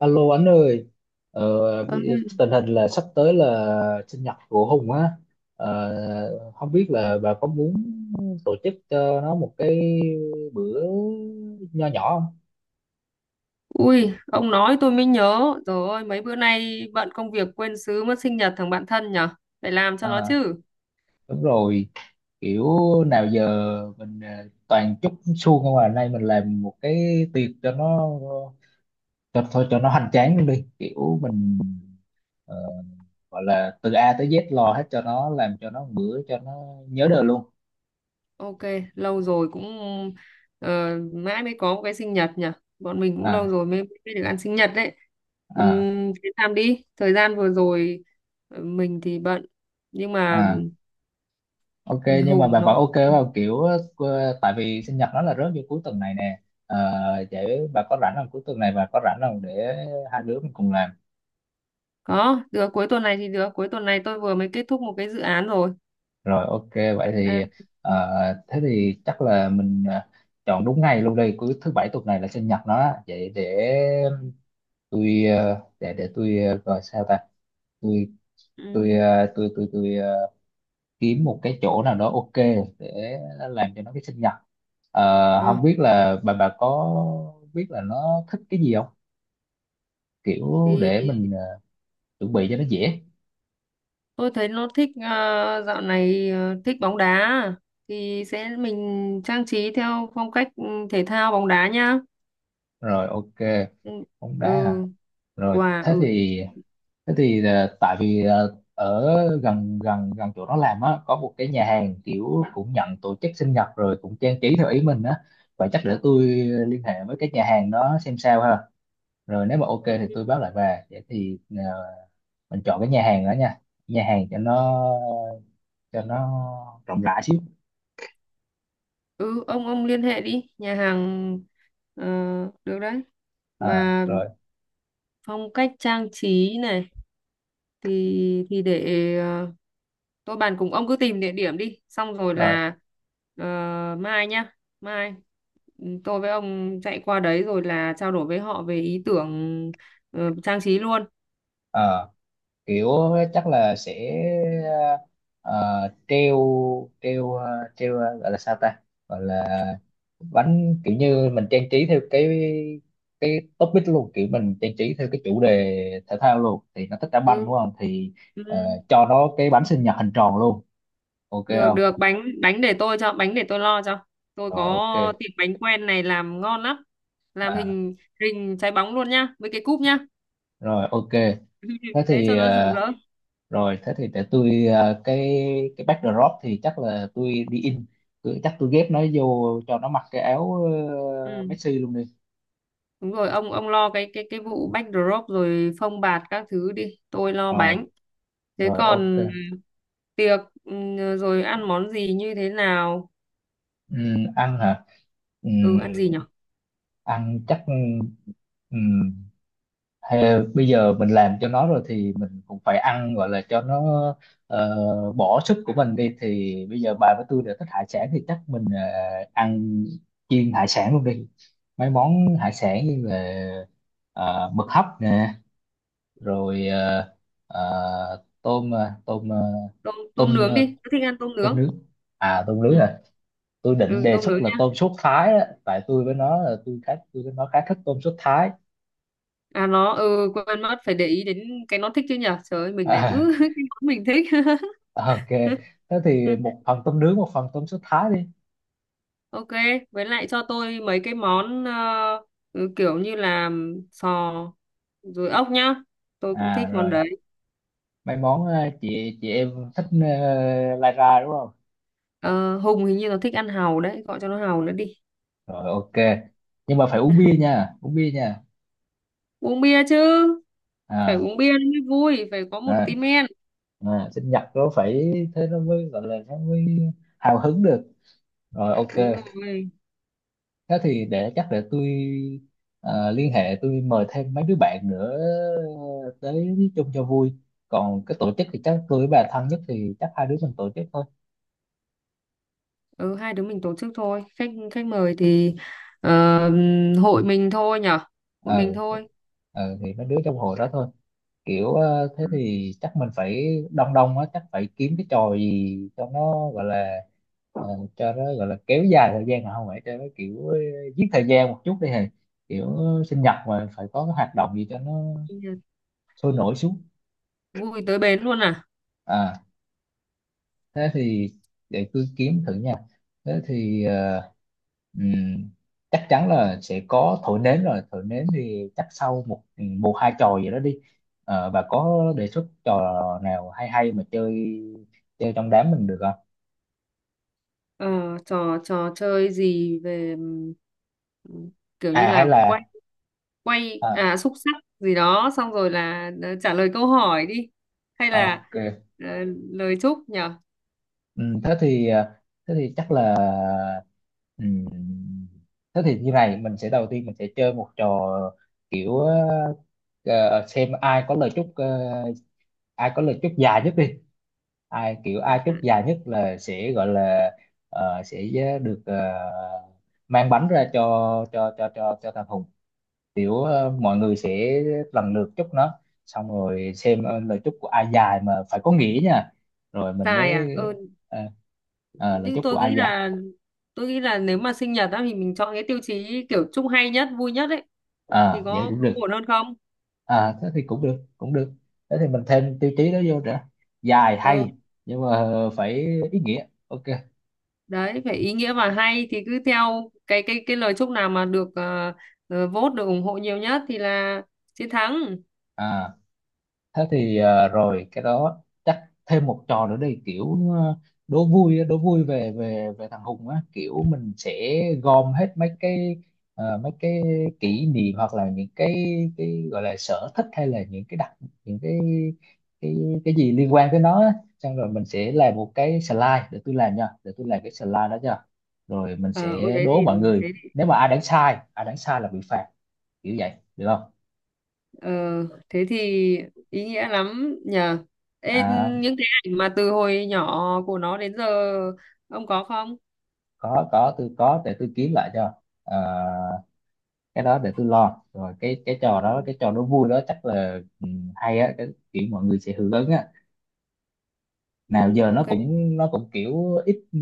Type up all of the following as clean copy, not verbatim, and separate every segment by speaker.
Speaker 1: Alo anh ơi,
Speaker 2: Ừ.
Speaker 1: tình hình là sắp tới là sinh nhật của Hùng á. Không biết là bà có muốn tổ chức cho nó một cái bữa nho nhỏ không?
Speaker 2: Ui, ông nói tôi mới nhớ. Trời ơi, mấy bữa nay bận công việc quên sứ mất sinh nhật thằng bạn thân nhở? Phải làm cho nó
Speaker 1: À,
Speaker 2: chứ.
Speaker 1: đúng rồi, kiểu nào giờ mình toàn chúc suông không à, nay mình làm một cái tiệc cho nó, cho thôi cho nó hoành tráng luôn đi, kiểu mình ờ, gọi là từ A tới Z lo hết cho nó, làm cho nó một bữa cho nó nhớ đời luôn.
Speaker 2: Ok, lâu rồi cũng mãi mới có một cái sinh nhật nhở. Bọn mình cũng lâu
Speaker 1: À,
Speaker 2: rồi mới được ăn sinh nhật đấy.
Speaker 1: à.
Speaker 2: Thế làm đi. Thời gian vừa rồi mình thì bận. Nhưng mà
Speaker 1: À, ok,
Speaker 2: ừ,
Speaker 1: nhưng mà
Speaker 2: Hùng
Speaker 1: bà vẫn
Speaker 2: nó
Speaker 1: ok vào kiểu tại vì sinh nhật nó là rớt vô cuối tuần này nè. Ờ, Vậy bà có rảnh không, cuối tuần này bà có rảnh không để hai đứa mình cùng làm?
Speaker 2: có, được cuối tuần này thì được. Cuối tuần này tôi vừa mới kết thúc một cái dự án rồi.
Speaker 1: Rồi ok, vậy thì
Speaker 2: Đang...
Speaker 1: ờ, thế thì chắc là mình chọn đúng ngày luôn đây, cuối thứ bảy tuần này là sinh nhật nó á. Vậy để tôi để tôi gọi sao ta, tôi tôi
Speaker 2: Ừ.
Speaker 1: tôi, kiếm một cái chỗ nào đó, ok, để làm cho nó cái sinh nhật.
Speaker 2: Ờ,
Speaker 1: Không biết là bà có biết là nó thích cái gì không, kiểu
Speaker 2: thì
Speaker 1: để mình chuẩn bị cho nó dễ.
Speaker 2: tôi thấy nó thích dạo này thích bóng đá thì sẽ mình trang trí theo phong cách thể thao bóng đá nhá.
Speaker 1: Rồi ok,
Speaker 2: Ừ,
Speaker 1: bóng đá à.
Speaker 2: ừ,
Speaker 1: Rồi
Speaker 2: quà.
Speaker 1: thế
Speaker 2: Ừ
Speaker 1: thì thế thì tại vì ở gần gần gần chỗ nó làm á, có một cái nhà hàng kiểu cũng nhận tổ chức sinh nhật rồi cũng trang trí theo ý mình á, và chắc để tôi liên hệ với cái nhà hàng đó xem sao ha. Rồi nếu mà ok thì tôi báo lại bà, vậy thì mình chọn cái nhà hàng đó nha, nhà hàng cho nó rộng rãi xíu.
Speaker 2: ừ ông liên hệ đi nhà hàng, ờ, được đấy.
Speaker 1: À,
Speaker 2: Mà
Speaker 1: rồi
Speaker 2: phong cách trang trí này thì để tôi bàn cùng ông cứ tìm địa điểm đi, xong rồi
Speaker 1: rồi.
Speaker 2: là ờ, mai nhá, mai tôi với ông chạy qua đấy rồi là trao đổi với họ về ý tưởng trang trí luôn.
Speaker 1: Ờ, Kiểu chắc là sẽ ờ, treo treo ờ, treo ờ, gọi là sao ta, gọi là bánh, kiểu như mình trang trí theo cái topic luôn, kiểu mình trang trí theo cái chủ đề thể thao luôn, thì nó thích đá banh
Speaker 2: Ừ,
Speaker 1: đúng không, thì
Speaker 2: ừ.
Speaker 1: ờ, cho nó cái bánh sinh nhật hình tròn luôn, ok
Speaker 2: được
Speaker 1: không?
Speaker 2: được bánh bánh để tôi cho, bánh để tôi lo cho. Tôi
Speaker 1: Rồi ok.
Speaker 2: có tiệm bánh quen này làm ngon lắm, làm
Speaker 1: À,
Speaker 2: hình hình trái bóng luôn nhá với cái cúp nhá.
Speaker 1: rồi ok. Thế
Speaker 2: Thế
Speaker 1: thì
Speaker 2: cho nó rực rỡ.
Speaker 1: rồi thế thì để tôi cái backdrop thì chắc là tôi đi in, tôi, chắc tôi ghép nó vô cho nó mặc cái áo
Speaker 2: Ừ.
Speaker 1: Messi luôn đi.
Speaker 2: Đúng rồi, ông lo cái cái vụ backdrop rồi phông bạt các thứ đi, tôi lo
Speaker 1: Rồi
Speaker 2: bánh. Thế
Speaker 1: rồi, ok.
Speaker 2: còn tiệc, rồi ăn món gì như thế nào?
Speaker 1: Ăn hả?
Speaker 2: Ừ
Speaker 1: Ừm,
Speaker 2: Ăn gì nhở?
Speaker 1: ăn chắc. ừm, Hay bây giờ mình làm cho nó rồi thì mình cũng phải ăn gọi là cho nó ờ, bỏ sức của mình đi, thì bây giờ bà với tôi đều thích hải sản thì chắc mình ăn chiên hải sản luôn đi. Mấy món hải sản như là mực hấp nè, rồi ờ, tôm ờ, tôm ờ,
Speaker 2: tôm
Speaker 1: tôm
Speaker 2: tôm nướng
Speaker 1: ờ,
Speaker 2: đi, tôi thích ăn tôm
Speaker 1: tôm
Speaker 2: nướng.
Speaker 1: nướng. À tôm nướng
Speaker 2: Ừ,
Speaker 1: à? Tôi định
Speaker 2: ừ,
Speaker 1: đề
Speaker 2: tôm
Speaker 1: xuất
Speaker 2: nướng.
Speaker 1: là tôm sốt Thái á, tại tôi với nó khá thích tôm sốt Thái.
Speaker 2: À nó, quên mất phải để ý đến cái nó thích chứ nhở. Trời ơi, mình lại cứ cái món mình thích.
Speaker 1: Ok, thế thì một phần tôm nướng, một phần tôm sốt thái đi.
Speaker 2: Ok, với lại cho tôi mấy cái món kiểu như là sò rồi ốc nhá. Tôi cũng
Speaker 1: À
Speaker 2: thích món
Speaker 1: rồi,
Speaker 2: đấy.
Speaker 1: mấy món chị em thích lai ra đúng không?
Speaker 2: Ờ, Hùng hình như nó thích ăn hàu đấy, gọi cho nó hàu nữa đi.
Speaker 1: Rồi ok, nhưng mà phải uống bia nha, uống bia nha.
Speaker 2: Uống bia chứ, phải
Speaker 1: À,
Speaker 2: uống bia nó mới vui, phải có một
Speaker 1: à.
Speaker 2: tí men.
Speaker 1: À, sinh nhật nó phải thế, nó mới gọi là, nó mới hào hứng được. Rồi
Speaker 2: Đúng
Speaker 1: ok,
Speaker 2: rồi.
Speaker 1: thế thì để chắc để tôi liên hệ, tôi mời thêm mấy đứa bạn nữa tới chung cho vui, còn cái tổ chức thì chắc tôi với bà thân nhất thì chắc hai đứa mình tổ chức thôi.
Speaker 2: Ừ, hai đứa mình tổ chức thôi. Khách khách mời thì ờ, hội mình thôi nhở. Hội mình
Speaker 1: ờ thì-
Speaker 2: thôi.
Speaker 1: thì mấy đứa trong hội đó thôi, kiểu thế thì chắc mình phải đông đông á, chắc phải kiếm cái trò gì cho nó gọi là ờ, cho nó gọi là kéo dài thời gian, mà không phải cho nó kiểu giết thời gian một chút đi hề, kiểu sinh nhật mà phải có cái hoạt động gì cho nó
Speaker 2: Ừ.
Speaker 1: sôi nổi xuống.
Speaker 2: Vui tới bến luôn à?
Speaker 1: À, thế thì để cứ kiếm thử nha. Thế thì ừm, chắc chắn là sẽ có thổi nến, rồi thổi nến thì chắc sau một hai trò gì đó đi. Bà có đề xuất trò nào hay hay mà chơi chơi trong đám mình được không?
Speaker 2: Ờ, trò trò chơi gì về, ừm, kiểu như
Speaker 1: À hay
Speaker 2: là quay,
Speaker 1: là,
Speaker 2: quay
Speaker 1: à,
Speaker 2: à, xúc xắc gì đó, xong rồi là trả lời câu hỏi đi, hay là
Speaker 1: ok.
Speaker 2: ờ, lời chúc nhở?
Speaker 1: Ừ, thế thì à, thế thì chắc là ừ, thế thì như này mình sẽ, đầu tiên mình sẽ chơi một trò kiểu xem ai có lời chúc, ai có lời chúc dài nhất đi, ai kiểu ai
Speaker 2: Dạ,
Speaker 1: chúc dài nhất là sẽ gọi là sẽ được mang bánh ra cho thằng Hùng, kiểu mọi người sẽ lần lượt chúc nó, xong rồi xem lời chúc của ai dài mà phải có nghĩa nha, rồi mình
Speaker 2: dài à,
Speaker 1: mới ờ, lời
Speaker 2: nhưng
Speaker 1: chúc của ai dài.
Speaker 2: tôi nghĩ là nếu mà sinh nhật á thì mình chọn cái tiêu chí kiểu chúc hay nhất vui nhất ấy thì
Speaker 1: À vậy cũng
Speaker 2: có
Speaker 1: được,
Speaker 2: ổn hơn không?
Speaker 1: à thế thì cũng được cũng được, thế thì mình thêm tiêu chí đó vô nữa, dài
Speaker 2: Ừ.
Speaker 1: hay nhưng mà phải ý nghĩa, ok.
Speaker 2: Đấy phải ý nghĩa và hay, thì cứ theo cái cái lời chúc nào mà được vote, được ủng hộ nhiều nhất thì là chiến thắng.
Speaker 1: À thế thì rồi cái đó chắc thêm một trò nữa đi, kiểu đố vui á, đố vui về về về thằng Hùng á, kiểu mình sẽ gom hết mấy cái mấy cái kỷ niệm hoặc là những cái gọi là sở thích, hay là những cái đặc, những cái cái gì liên quan tới nó á. Xong rồi mình sẽ làm một cái slide, để tôi làm nha, để tôi làm cái slide đó nha, rồi mình
Speaker 2: Ờ ôi
Speaker 1: sẽ
Speaker 2: đấy
Speaker 1: đố
Speaker 2: thì
Speaker 1: mọi người,
Speaker 2: thế thì,
Speaker 1: nếu mà ai đánh sai là bị phạt, kiểu vậy được không?
Speaker 2: ờ, thế thì ý nghĩa lắm nhờ. Ê,
Speaker 1: À
Speaker 2: những cái ảnh mà từ hồi nhỏ của nó đến giờ ông có không?
Speaker 1: có tôi có, để tôi kiếm lại cho. Ờ, cái đó để tôi lo, rồi cái
Speaker 2: Ừ,
Speaker 1: trò đó, cái trò nó vui đó chắc là hay á, cái kiểu mọi người sẽ hưởng ứng á, nào
Speaker 2: ừ,
Speaker 1: giờ nó
Speaker 2: ok.
Speaker 1: cũng nó cũng kiểu ít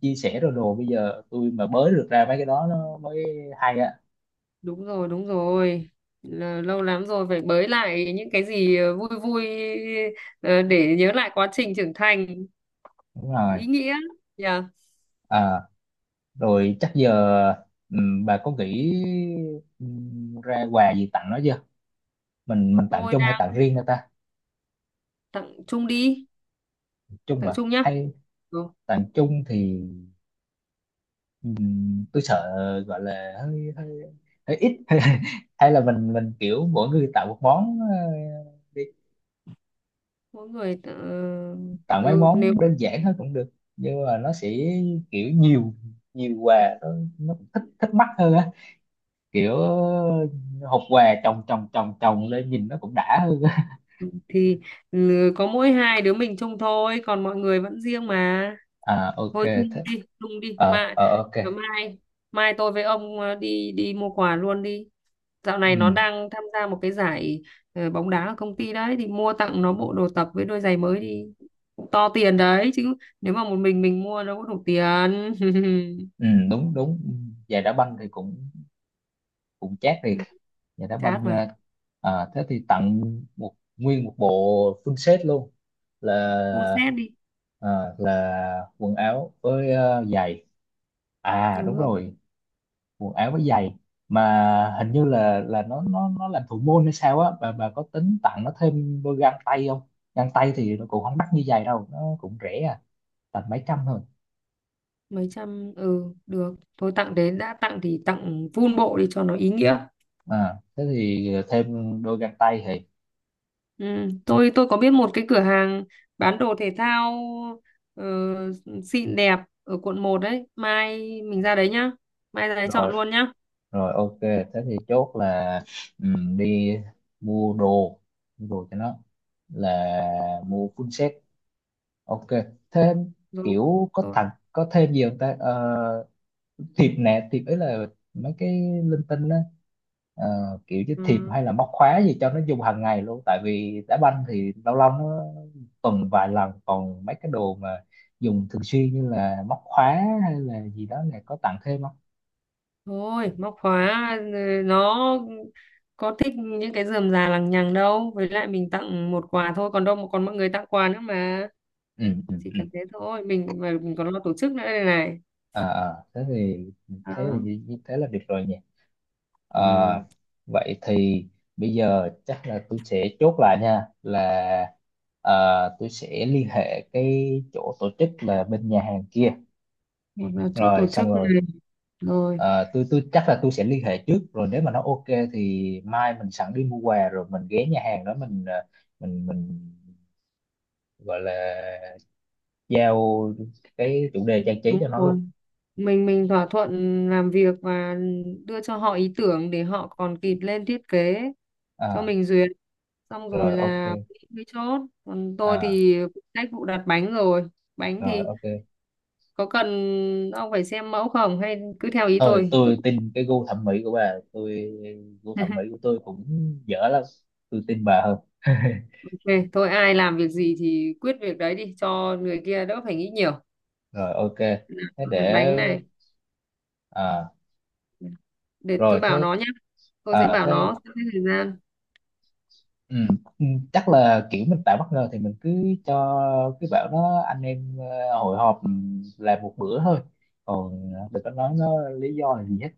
Speaker 1: chia sẻ rồi đồ, bây giờ tôi mà bới được ra mấy cái đó nó mới hay á.
Speaker 2: Đúng rồi đúng rồi, là lâu lắm rồi phải bới lại những cái gì vui vui, để nhớ lại quá trình trưởng thành,
Speaker 1: Đúng
Speaker 2: ý
Speaker 1: rồi.
Speaker 2: nghĩa nhờ.
Speaker 1: À rồi chắc giờ ừ, bà có nghĩ ừ, ra quà gì tặng nó chưa? Mình tặng
Speaker 2: Tôi
Speaker 1: chung hay tặng riêng cho ta?
Speaker 2: tặng chung đi,
Speaker 1: Chung
Speaker 2: tặng
Speaker 1: à,
Speaker 2: chung nhá.
Speaker 1: hay
Speaker 2: Ừ.
Speaker 1: tặng chung thì ừm, tôi sợ gọi là hơi hơi hơi ít, hay hay là mình kiểu mỗi người tạo một món đi,
Speaker 2: mỗi người tặng-
Speaker 1: tạo
Speaker 2: ờ,
Speaker 1: mấy
Speaker 2: ừ, Nếu
Speaker 1: món đơn giản thôi cũng được, nhưng mà nó sẽ kiểu nhiều nhiều quà, nó cũng thích thích mắt hơn á, kiểu hộp quà chồng chồng chồng chồng lên nhìn nó cũng đã hơn á.
Speaker 2: thì có mỗi hai đứa mình chung thôi, còn mọi người vẫn riêng mà.
Speaker 1: À ok,
Speaker 2: Thôi
Speaker 1: thế
Speaker 2: chung đi mà.
Speaker 1: ok.
Speaker 2: Mai mai tôi với ông đi đi mua quà luôn đi. Dạo này nó
Speaker 1: Ừ
Speaker 2: đang tham gia một cái giải bóng đá ở công ty đấy, thì mua tặng nó bộ đồ tập với đôi giày mới đi, cũng to tiền đấy chứ. Nếu mà một mình mua đâu có đủ tiền.
Speaker 1: ừ, đúng đúng. Giày đá banh thì cũng cũng chát thiệt.
Speaker 2: Ừ,
Speaker 1: Vậy đá
Speaker 2: chát
Speaker 1: banh
Speaker 2: mà,
Speaker 1: ra. À, thế thì tặng một nguyên một bộ full set luôn,
Speaker 2: cũng
Speaker 1: là
Speaker 2: xét đi.
Speaker 1: à, là quần áo với giày. À
Speaker 2: Đúng
Speaker 1: đúng
Speaker 2: rồi.
Speaker 1: rồi, quần áo với giày, mà hình như là nó làm thủ môn hay sao á, bà có tính tặng nó thêm đôi găng tay không? Găng tay thì nó cũng không đắt như giày đâu, nó cũng rẻ à, tầm mấy trăm thôi.
Speaker 2: Mấy trăm, ừ, được thôi, tặng đến, đã tặng thì tặng full bộ đi cho nó ý nghĩa.
Speaker 1: À thế thì thêm đôi găng tay thì,
Speaker 2: Ừ. tôi có biết một cái cửa hàng bán đồ thể thao ờ, xịn đẹp ở quận 1 đấy, mai mình ra đấy nhá. Mai ra đấy chọn
Speaker 1: rồi
Speaker 2: luôn nhá.
Speaker 1: rồi, ok, thế thì chốt là đi mua đồ mua đồ cho nó, là mua full set, ok, thêm
Speaker 2: Rồi,
Speaker 1: kiểu có
Speaker 2: rồi.
Speaker 1: tặng có thêm gì không ta. Ờ, thiệp nè, thiệp ấy là mấy cái linh tinh đó. Ờ, kiểu như thiệp
Speaker 2: Ừ.
Speaker 1: hay là móc khóa gì cho nó dùng hàng ngày luôn, tại vì đá banh thì lâu lâu nó tuần vài lần, còn mấy cái đồ mà dùng thường xuyên như là móc khóa hay là gì đó này, có tặng thêm không?
Speaker 2: Thôi, móc khóa, nó có thích những cái rườm rà lằng nhằng đâu, với lại mình tặng một quà thôi, còn đâu mà còn mọi người tặng quà nữa mà.
Speaker 1: Ừ, ừ,
Speaker 2: Chỉ cần thế thôi, mình mà mình còn lo tổ chức nữa đây này.
Speaker 1: à à, thế thì thấy là
Speaker 2: Đó.
Speaker 1: như như thế là được rồi nhỉ. À,
Speaker 2: Ừ.
Speaker 1: vậy thì bây giờ chắc là tôi sẽ chốt lại nha, là à, tôi sẽ liên hệ cái chỗ tổ chức là bên nhà hàng kia,
Speaker 2: Hoặc là chỗ
Speaker 1: rồi
Speaker 2: tổ
Speaker 1: xong
Speaker 2: chức này.
Speaker 1: rồi
Speaker 2: Rồi.
Speaker 1: à, tôi chắc là tôi sẽ liên hệ trước, rồi nếu mà nó ok thì mai mình sẵn đi mua quà, rồi mình ghé nhà hàng đó, mình à, mình gọi là giao cái chủ đề trang trí
Speaker 2: Đúng
Speaker 1: cho nó luôn.
Speaker 2: rồi, mình thỏa thuận làm việc và đưa cho họ ý tưởng để họ còn kịp lên thiết kế cho
Speaker 1: À,
Speaker 2: mình duyệt, xong rồi
Speaker 1: rồi ok.
Speaker 2: là mới chốt. Còn tôi
Speaker 1: À,
Speaker 2: thì phụ trách vụ đặt bánh. Rồi, bánh
Speaker 1: rồi
Speaker 2: thì
Speaker 1: ok.
Speaker 2: có cần ông phải xem mẫu không hay cứ theo ý
Speaker 1: Thôi
Speaker 2: tôi?
Speaker 1: tôi tin cái gu thẩm mỹ của bà, tôi gu thẩm mỹ của tôi cũng dở lắm, tôi tin bà hơn.
Speaker 2: Ok, tôi, ai làm việc gì thì quyết việc đấy đi cho người kia đỡ phải nghĩ nhiều.
Speaker 1: Rồi ok, thế
Speaker 2: Đặt
Speaker 1: để,
Speaker 2: bánh này,
Speaker 1: à
Speaker 2: để tôi
Speaker 1: rồi
Speaker 2: bảo
Speaker 1: thế,
Speaker 2: nó nhé. Tôi sẽ
Speaker 1: à
Speaker 2: bảo
Speaker 1: thế,
Speaker 2: nó sắp xếp thời gian.
Speaker 1: ừ, ừ, chắc là kiểu mình tạo bất ngờ thì mình cứ cho cái bảo nó anh em hội họp làm một bữa thôi, còn đừng có nói nó lý do là gì hết.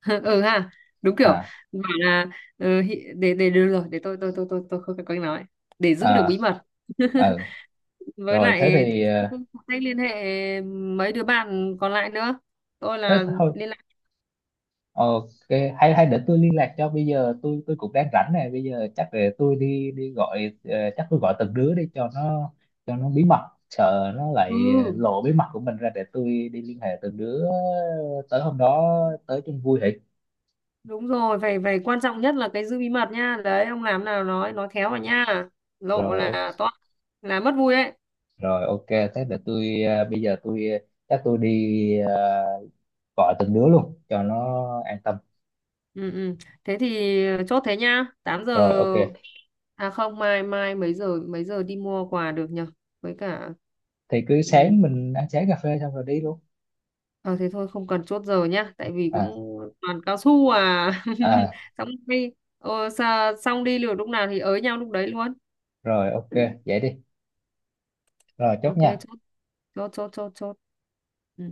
Speaker 2: Ừ ha, đúng kiểu,
Speaker 1: À,
Speaker 2: bảo là, để được rồi, để tôi không cần cách nói để giữ được
Speaker 1: à,
Speaker 2: bí mật.
Speaker 1: ừ,
Speaker 2: Với
Speaker 1: rồi thế
Speaker 2: lại
Speaker 1: thì
Speaker 2: tôi cũng không cách liên hệ mấy đứa bạn còn lại nữa, tôi
Speaker 1: thế
Speaker 2: là
Speaker 1: thôi,
Speaker 2: liên lạc.
Speaker 1: ok. Hay hay để tôi liên lạc cho, bây giờ tôi cũng đang rảnh này, bây giờ chắc để tôi đi đi gọi, chắc tôi gọi từng đứa đi cho nó, bí mật, sợ nó lại
Speaker 2: Ừ,
Speaker 1: lộ bí mật của mình ra, để tôi đi liên hệ từng đứa tới hôm đó, tới chung vui hỉ.
Speaker 2: đúng rồi, phải phải quan trọng nhất là cái giữ bí mật nha, đấy ông làm nào nói khéo vào nha, lộ
Speaker 1: Rồi ok,
Speaker 2: là to, là mất vui đấy.
Speaker 1: rồi ok, thế để tôi bây giờ tôi chắc tôi đi gọi từng đứa luôn cho nó an tâm.
Speaker 2: Ừ, ừ. Thế thì chốt thế nhá. 8 giờ,
Speaker 1: Rồi ok,
Speaker 2: à không, mai, mấy giờ đi mua quà được nhở? Với cả,
Speaker 1: thì cứ
Speaker 2: ừ.
Speaker 1: sáng mình ăn sáng cà phê xong rồi đi luôn.
Speaker 2: Ờ thế thôi, không cần chốt giờ nhá, tại vì cũng
Speaker 1: À,
Speaker 2: toàn cao su à.
Speaker 1: à,
Speaker 2: Xong đi. Ờ, xong đi, liệu lúc nào thì ới nhau lúc đấy luôn.
Speaker 1: rồi ok, vậy đi, rồi chốt
Speaker 2: Ok,
Speaker 1: nha.
Speaker 2: chốt, chốt chốt chốt chốt. Ừ.